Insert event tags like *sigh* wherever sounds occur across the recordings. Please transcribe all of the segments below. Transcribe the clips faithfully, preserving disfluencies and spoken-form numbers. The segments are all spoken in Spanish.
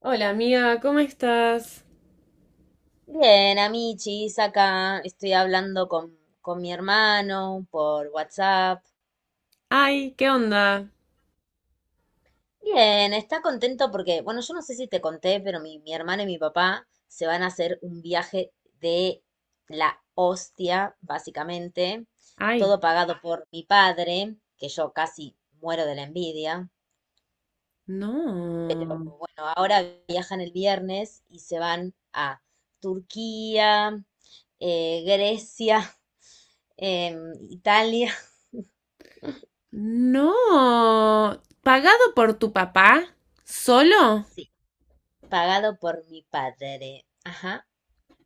Hola amiga, ¿cómo estás? Bien, amichis, acá estoy hablando con, con mi hermano por WhatsApp. Ay, ¿qué onda? Bien, está contento porque, bueno, yo no sé si te conté, pero mi, mi hermana y mi papá se van a hacer un viaje de la hostia, básicamente, Ay, todo pagado por mi padre, que yo casi muero de la envidia. Pero no. Bueno, ahora viajan el viernes y se van a Turquía, eh, Grecia, *laughs* em, Italia. No. ¿Pagado por tu papá? ¿Solo? Sí, pagado por mi padre. Ajá.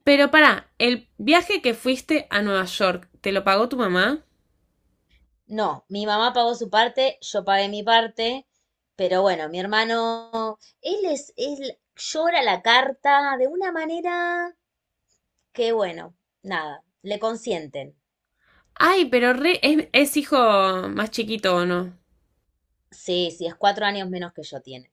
Pero pará, el viaje que fuiste a Nueva York, ¿te lo pagó tu mamá? No, mi mamá pagó su parte, yo pagué mi parte, pero bueno, mi hermano, él es, él llora la carta de una manera que, bueno, nada, le consienten. Ay, pero re- es, es hijo más chiquito o no. Sí, sí, es cuatro años menos que yo tiene.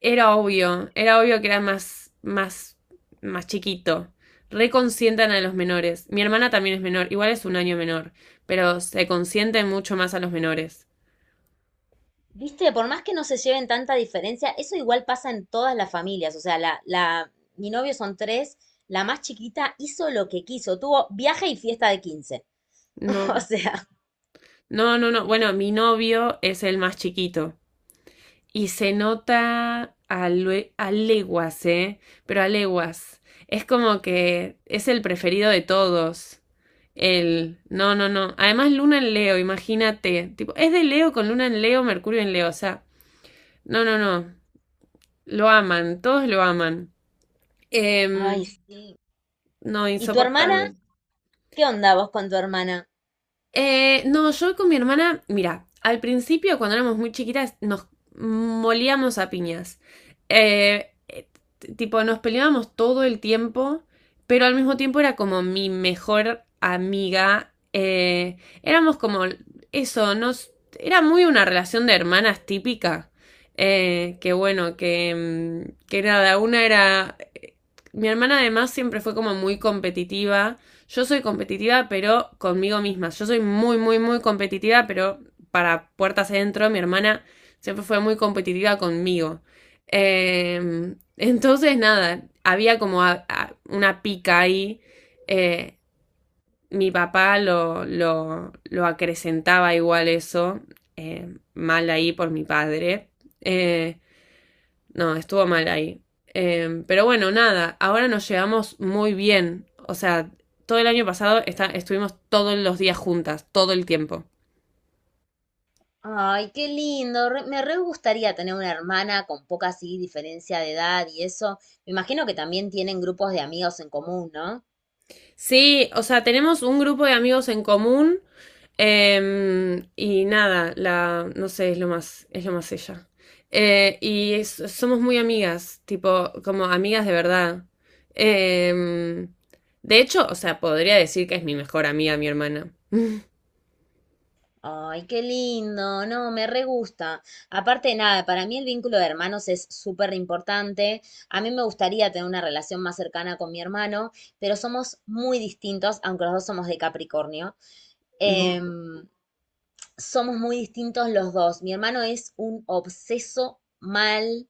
Era obvio, era obvio que era más, más, más chiquito. Reconsientan a los menores. Mi hermana también es menor, igual es un año menor, pero se consienten mucho más a los menores. Viste, por más que no se lleven tanta diferencia, eso igual pasa en todas las familias. O sea, la, la, mi novio son tres, la más chiquita hizo lo que quiso, tuvo viaje y fiesta de quince. *laughs* O No, sea, no, no, no. Bueno, mi novio es el más chiquito y se nota a, lue- a leguas, ¿eh? Pero a leguas. Es como que es el preferido de todos. El... No, no, no. Además, Luna en Leo, imagínate. Tipo, es de Leo con Luna en Leo, Mercurio en Leo. O sea, no, no, no. Lo aman, todos lo aman. ay, Em, sí. no, ¿Y tu hermana? insoportable. ¿Qué onda vos con tu hermana? Eh, no, yo con mi hermana, mira, al principio cuando éramos muy chiquitas nos molíamos a piñas. Eh, eh, t- tipo, nos peleábamos todo el tiempo, pero al mismo tiempo era como mi mejor amiga. Eh, éramos como eso, nos, era muy una relación de hermanas típica. Eh, que bueno, que, mm, que nada, una era... eh, mi hermana además siempre fue como muy competitiva. Yo soy competitiva, pero conmigo misma. Yo soy muy, muy, muy competitiva, pero para puertas adentro, mi hermana siempre fue muy competitiva conmigo. Eh, entonces, nada, había como a- a- una pica ahí. eh, Mi papá lo, lo, lo acrecentaba igual eso, eh, mal ahí por mi padre. Eh, no, estuvo mal ahí. Eh, pero bueno, nada, ahora nos llevamos muy bien. O sea, todo el año pasado está- estuvimos todos los días juntas, todo el tiempo. Ay, qué lindo. Re- me re gustaría tener una hermana con poca así diferencia de edad y eso. Me imagino que también tienen grupos de amigos en común, ¿no? Sí, o sea, tenemos un grupo de amigos en común. Eh, y nada, la, no sé, es lo más, es lo más ella. Eh, y es- somos muy amigas, tipo, como amigas de verdad. Eh, de hecho, o sea, podría decir que es mi mejor amiga, mi hermana. *laughs* Ay, qué lindo. No, me re gusta. Aparte de nada, para mí el vínculo de hermanos es súper importante. A mí me gustaría tener una relación más cercana con mi hermano, pero somos muy distintos, aunque los dos somos de Capricornio. No. Em, Somos muy distintos los dos. Mi hermano es un obseso mal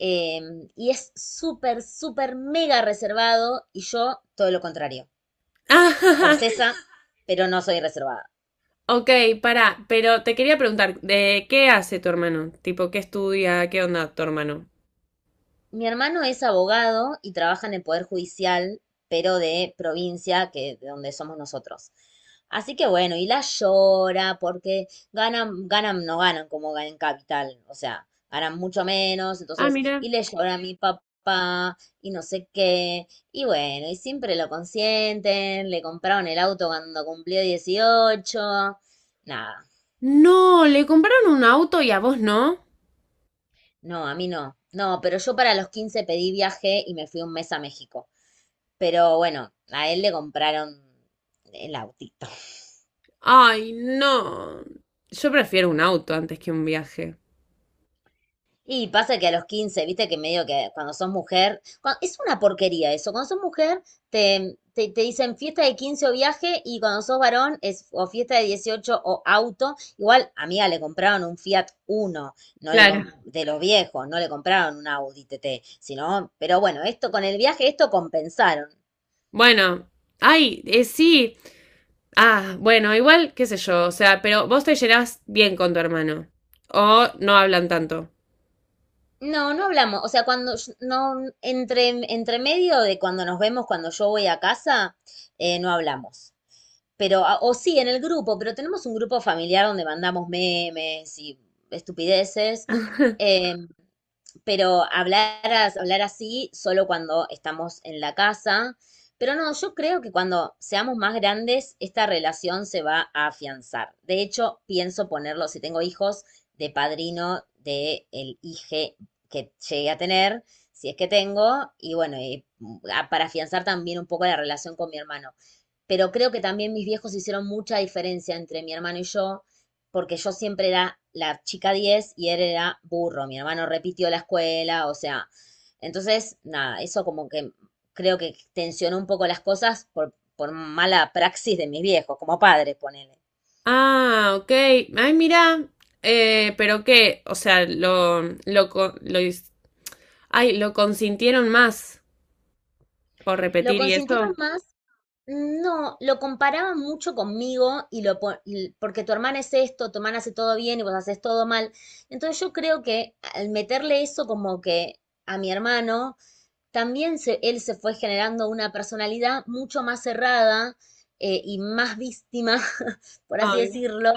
eh, y es súper, súper mega reservado y yo todo lo contrario. *laughs* Obsesa, pero no soy reservada. Ok, pará, pero te quería preguntar, ¿de qué hace tu hermano? Tipo, ¿qué estudia? ¿Qué onda tu hermano? Mi hermano es abogado y trabaja en el Poder Judicial, pero de provincia, que de donde somos nosotros. Así que bueno, y la llora porque ganan, ganan, no ganan como ganan en capital, o sea, ganan mucho menos, Ah, entonces, mira. y le llora a mi papá y no sé qué, y bueno, y siempre lo consienten, le compraron el auto cuando cumplió dieciocho. Nada, No, le compraron un auto y a vos no. no, a mí no, no, pero yo para los quince pedí viaje y me fui un mes a México. Pero bueno, a él le compraron el autito. Ay, no. Yo prefiero un auto antes que un viaje. Y pasa que a los quince viste que medio que cuando sos mujer, cua- es una porquería eso, cuando sos mujer te, te, te dicen fiesta de quince o viaje y cuando sos varón es o fiesta de dieciocho o auto. Igual, amiga, le compraron un Fiat Uno, no le Claro. com- de los viejos, no le compraron un Audi T T, sino, pero bueno, esto con el viaje, esto compensaron. Bueno, ay, eh, sí. Ah, bueno, igual, qué sé yo, o sea, pero vos te llevas bien con tu hermano. O no hablan tanto. No, no hablamos. O sea, cuando yo- no, entre, entre medio de cuando nos vemos, cuando yo voy a casa, eh, no hablamos. Pero, a- o sí, en el grupo, pero tenemos un grupo familiar donde mandamos memes y estupideces. *laughs* Eh, pero hablar, hablar así solo cuando estamos en la casa. Pero no, yo creo que cuando seamos más grandes, esta relación se va a afianzar. De hecho, pienso ponerlo, si tengo hijos, de padrino del el hije que llegue a tener, si es que tengo, y bueno, y para afianzar también un poco la relación con mi hermano, pero creo que también mis viejos hicieron mucha diferencia entre mi hermano y yo, porque yo siempre era la chica diez y él era burro, mi hermano repitió la escuela, o sea, entonces, nada, eso como que creo que tensionó un poco las cosas por, por mala praxis de mis viejos, como padres, ponele. Ah, ok. Ay, mira. Eh, pero qué, o sea. lo, lo, co- lo, Ay, lo consintieron más por Lo repetir y consintieron eso. más. No, lo comparaba mucho conmigo y lo po- y- porque tu hermana es esto, tu hermana hace todo bien y vos haces todo mal. Entonces yo creo que al meterle eso como que a mi hermano, también se, él se fue generando una personalidad mucho más cerrada, eh, y más víctima, *laughs* por así Ay, decirlo,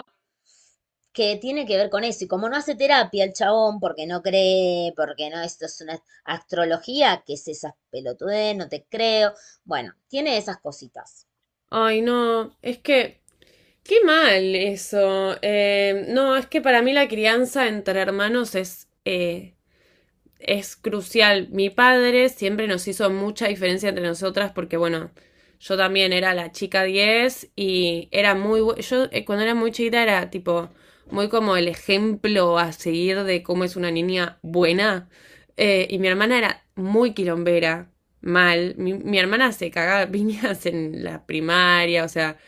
que tiene que ver con eso. Y como no hace terapia el chabón, porque no cree, porque no, esto es una astrología, ¿que es esa pelotudez? No te creo. Bueno, tiene esas cositas. ay, no, es que, qué mal eso. Eh, no, es que para mí la crianza entre hermanos es eh, es crucial. Mi padre siempre nos hizo mucha diferencia entre nosotras porque, bueno, yo también era la chica diez y era muy... Yo eh, cuando era muy chiquita era tipo muy como el ejemplo a seguir de cómo es una niña buena. Eh, y mi hermana era muy quilombera, mal. Mi, mi hermana se cagaba a piñas en la primaria, o sea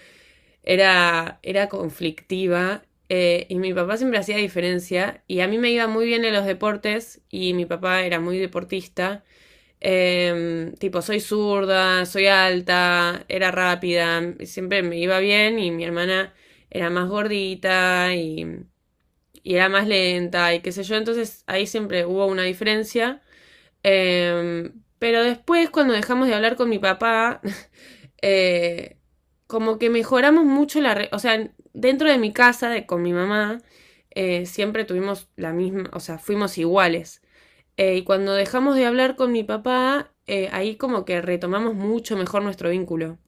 era, era conflictiva, eh, y mi papá siempre hacía diferencia, y a mí me iba muy bien en los deportes y mi papá era muy deportista. Em, tipo, soy zurda, soy alta, era rápida, siempre me iba bien y mi hermana era más gordita y, y era más lenta y qué sé yo, entonces ahí siempre hubo una diferencia, eh, pero después, cuando dejamos de hablar con mi papá, *laughs* eh, como que mejoramos mucho la... re- o sea, dentro de mi casa, de, con mi mamá, eh, siempre tuvimos la misma, o sea, fuimos iguales. Eh, y cuando dejamos de hablar con mi papá, eh, ahí como que retomamos mucho mejor nuestro vínculo.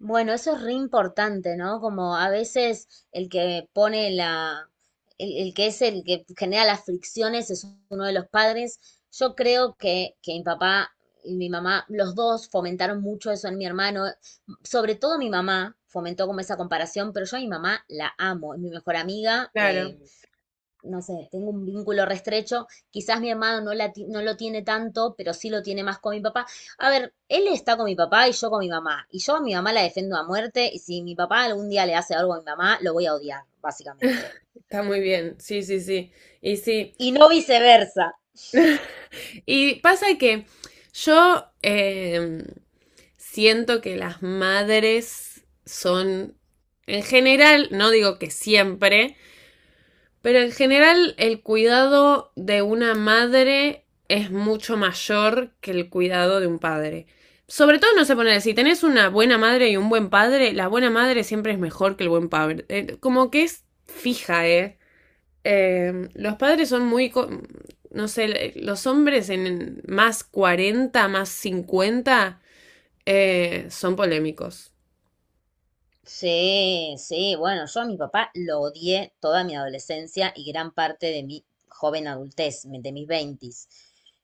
Bueno, eso es re importante, ¿no? Como a veces el que pone la, el, el que es el que genera las fricciones es uno de los padres. Yo creo que, que mi papá y mi mamá, los dos fomentaron mucho eso en mi hermano. Sobre todo mi mamá fomentó como esa comparación, pero yo a mi mamá la amo, es mi mejor amiga, Claro, eh, no sé, tengo un vínculo restrecho, quizás mi hermano no, la ti- no lo tiene tanto, pero sí lo tiene más con mi papá. A ver, él está con mi papá y yo con mi mamá, y yo a mi mamá la defiendo a muerte, y si mi papá algún día le hace algo a mi mamá, lo voy a odiar, básicamente. está muy bien, sí, sí, sí. Y sí. Y no viceversa. *laughs* Y pasa que yo, eh, siento que las madres son, en general, no digo que siempre, pero en general el cuidado de una madre es mucho mayor que el cuidado de un padre. Sobre todo no se pone, si tenés una buena madre y un buen padre, la buena madre siempre es mejor que el buen padre. Eh, como que es fija, ¿eh? Eh, los padres son muy, no sé, los hombres en más cuarenta más cincuenta, eh, son polémicos. Sí, sí, bueno, yo a mi papá lo odié toda mi adolescencia y gran parte de mi joven adultez, me- de mis veintis.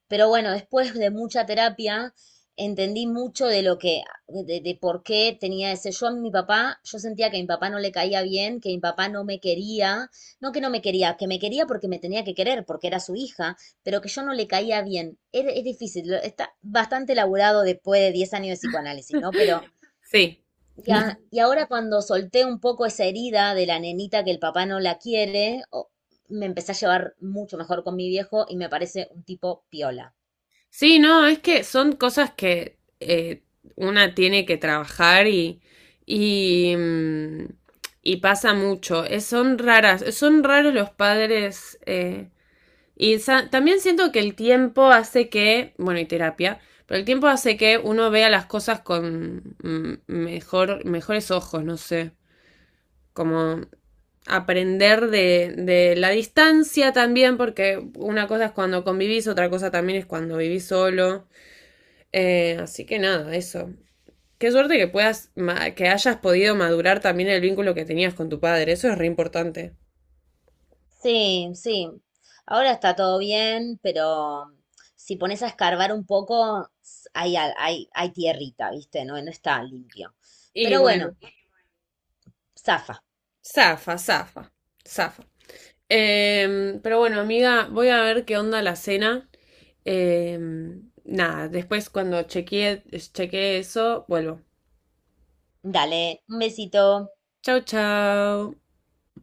Pero bueno, después de mucha terapia, entendí mucho de lo que, de, de por qué tenía ese. Yo a mi papá, yo sentía que a mi papá no le caía bien, que mi papá no me quería, no que no me quería, que me quería porque me tenía que querer, porque era su hija, pero que yo no le caía bien. Es, es difícil, lo- está bastante elaborado después de diez años de psicoanálisis, ¿no? Pero Sí, y, a- y ahora cuando solté un poco esa herida de la nenita que el papá no la quiere, o- me empecé a llevar mucho mejor con mi viejo y me parece un tipo piola. sí, no, es que son cosas que, eh, una tiene que trabajar, y, y, mm, y pasa mucho. Es- son raras, son raros los padres, eh, y también siento que el tiempo hace que, bueno, y terapia, pero el tiempo hace que uno vea las cosas con mm, mejor, mejores ojos, no sé, como aprender de, de la distancia también, porque una cosa es cuando convivís, otra cosa también es cuando vivís solo. Eh, así que nada, eso. Qué suerte que puedas, que hayas podido madurar también el vínculo que tenías con tu padre, eso es re importante. Sí, sí. Ahora está todo bien, pero si pones a escarbar un poco, s- hay, al- hay, hay tierrita, ¿viste? No, no está limpio. Y Pero bueno, bueno, zafa. zafa, zafa, zafa. Em, pero bueno, amiga, voy a ver qué onda la cena. Em, nada, después cuando chequee, chequee eso, vuelvo. Dale, un besito. Chau, chau.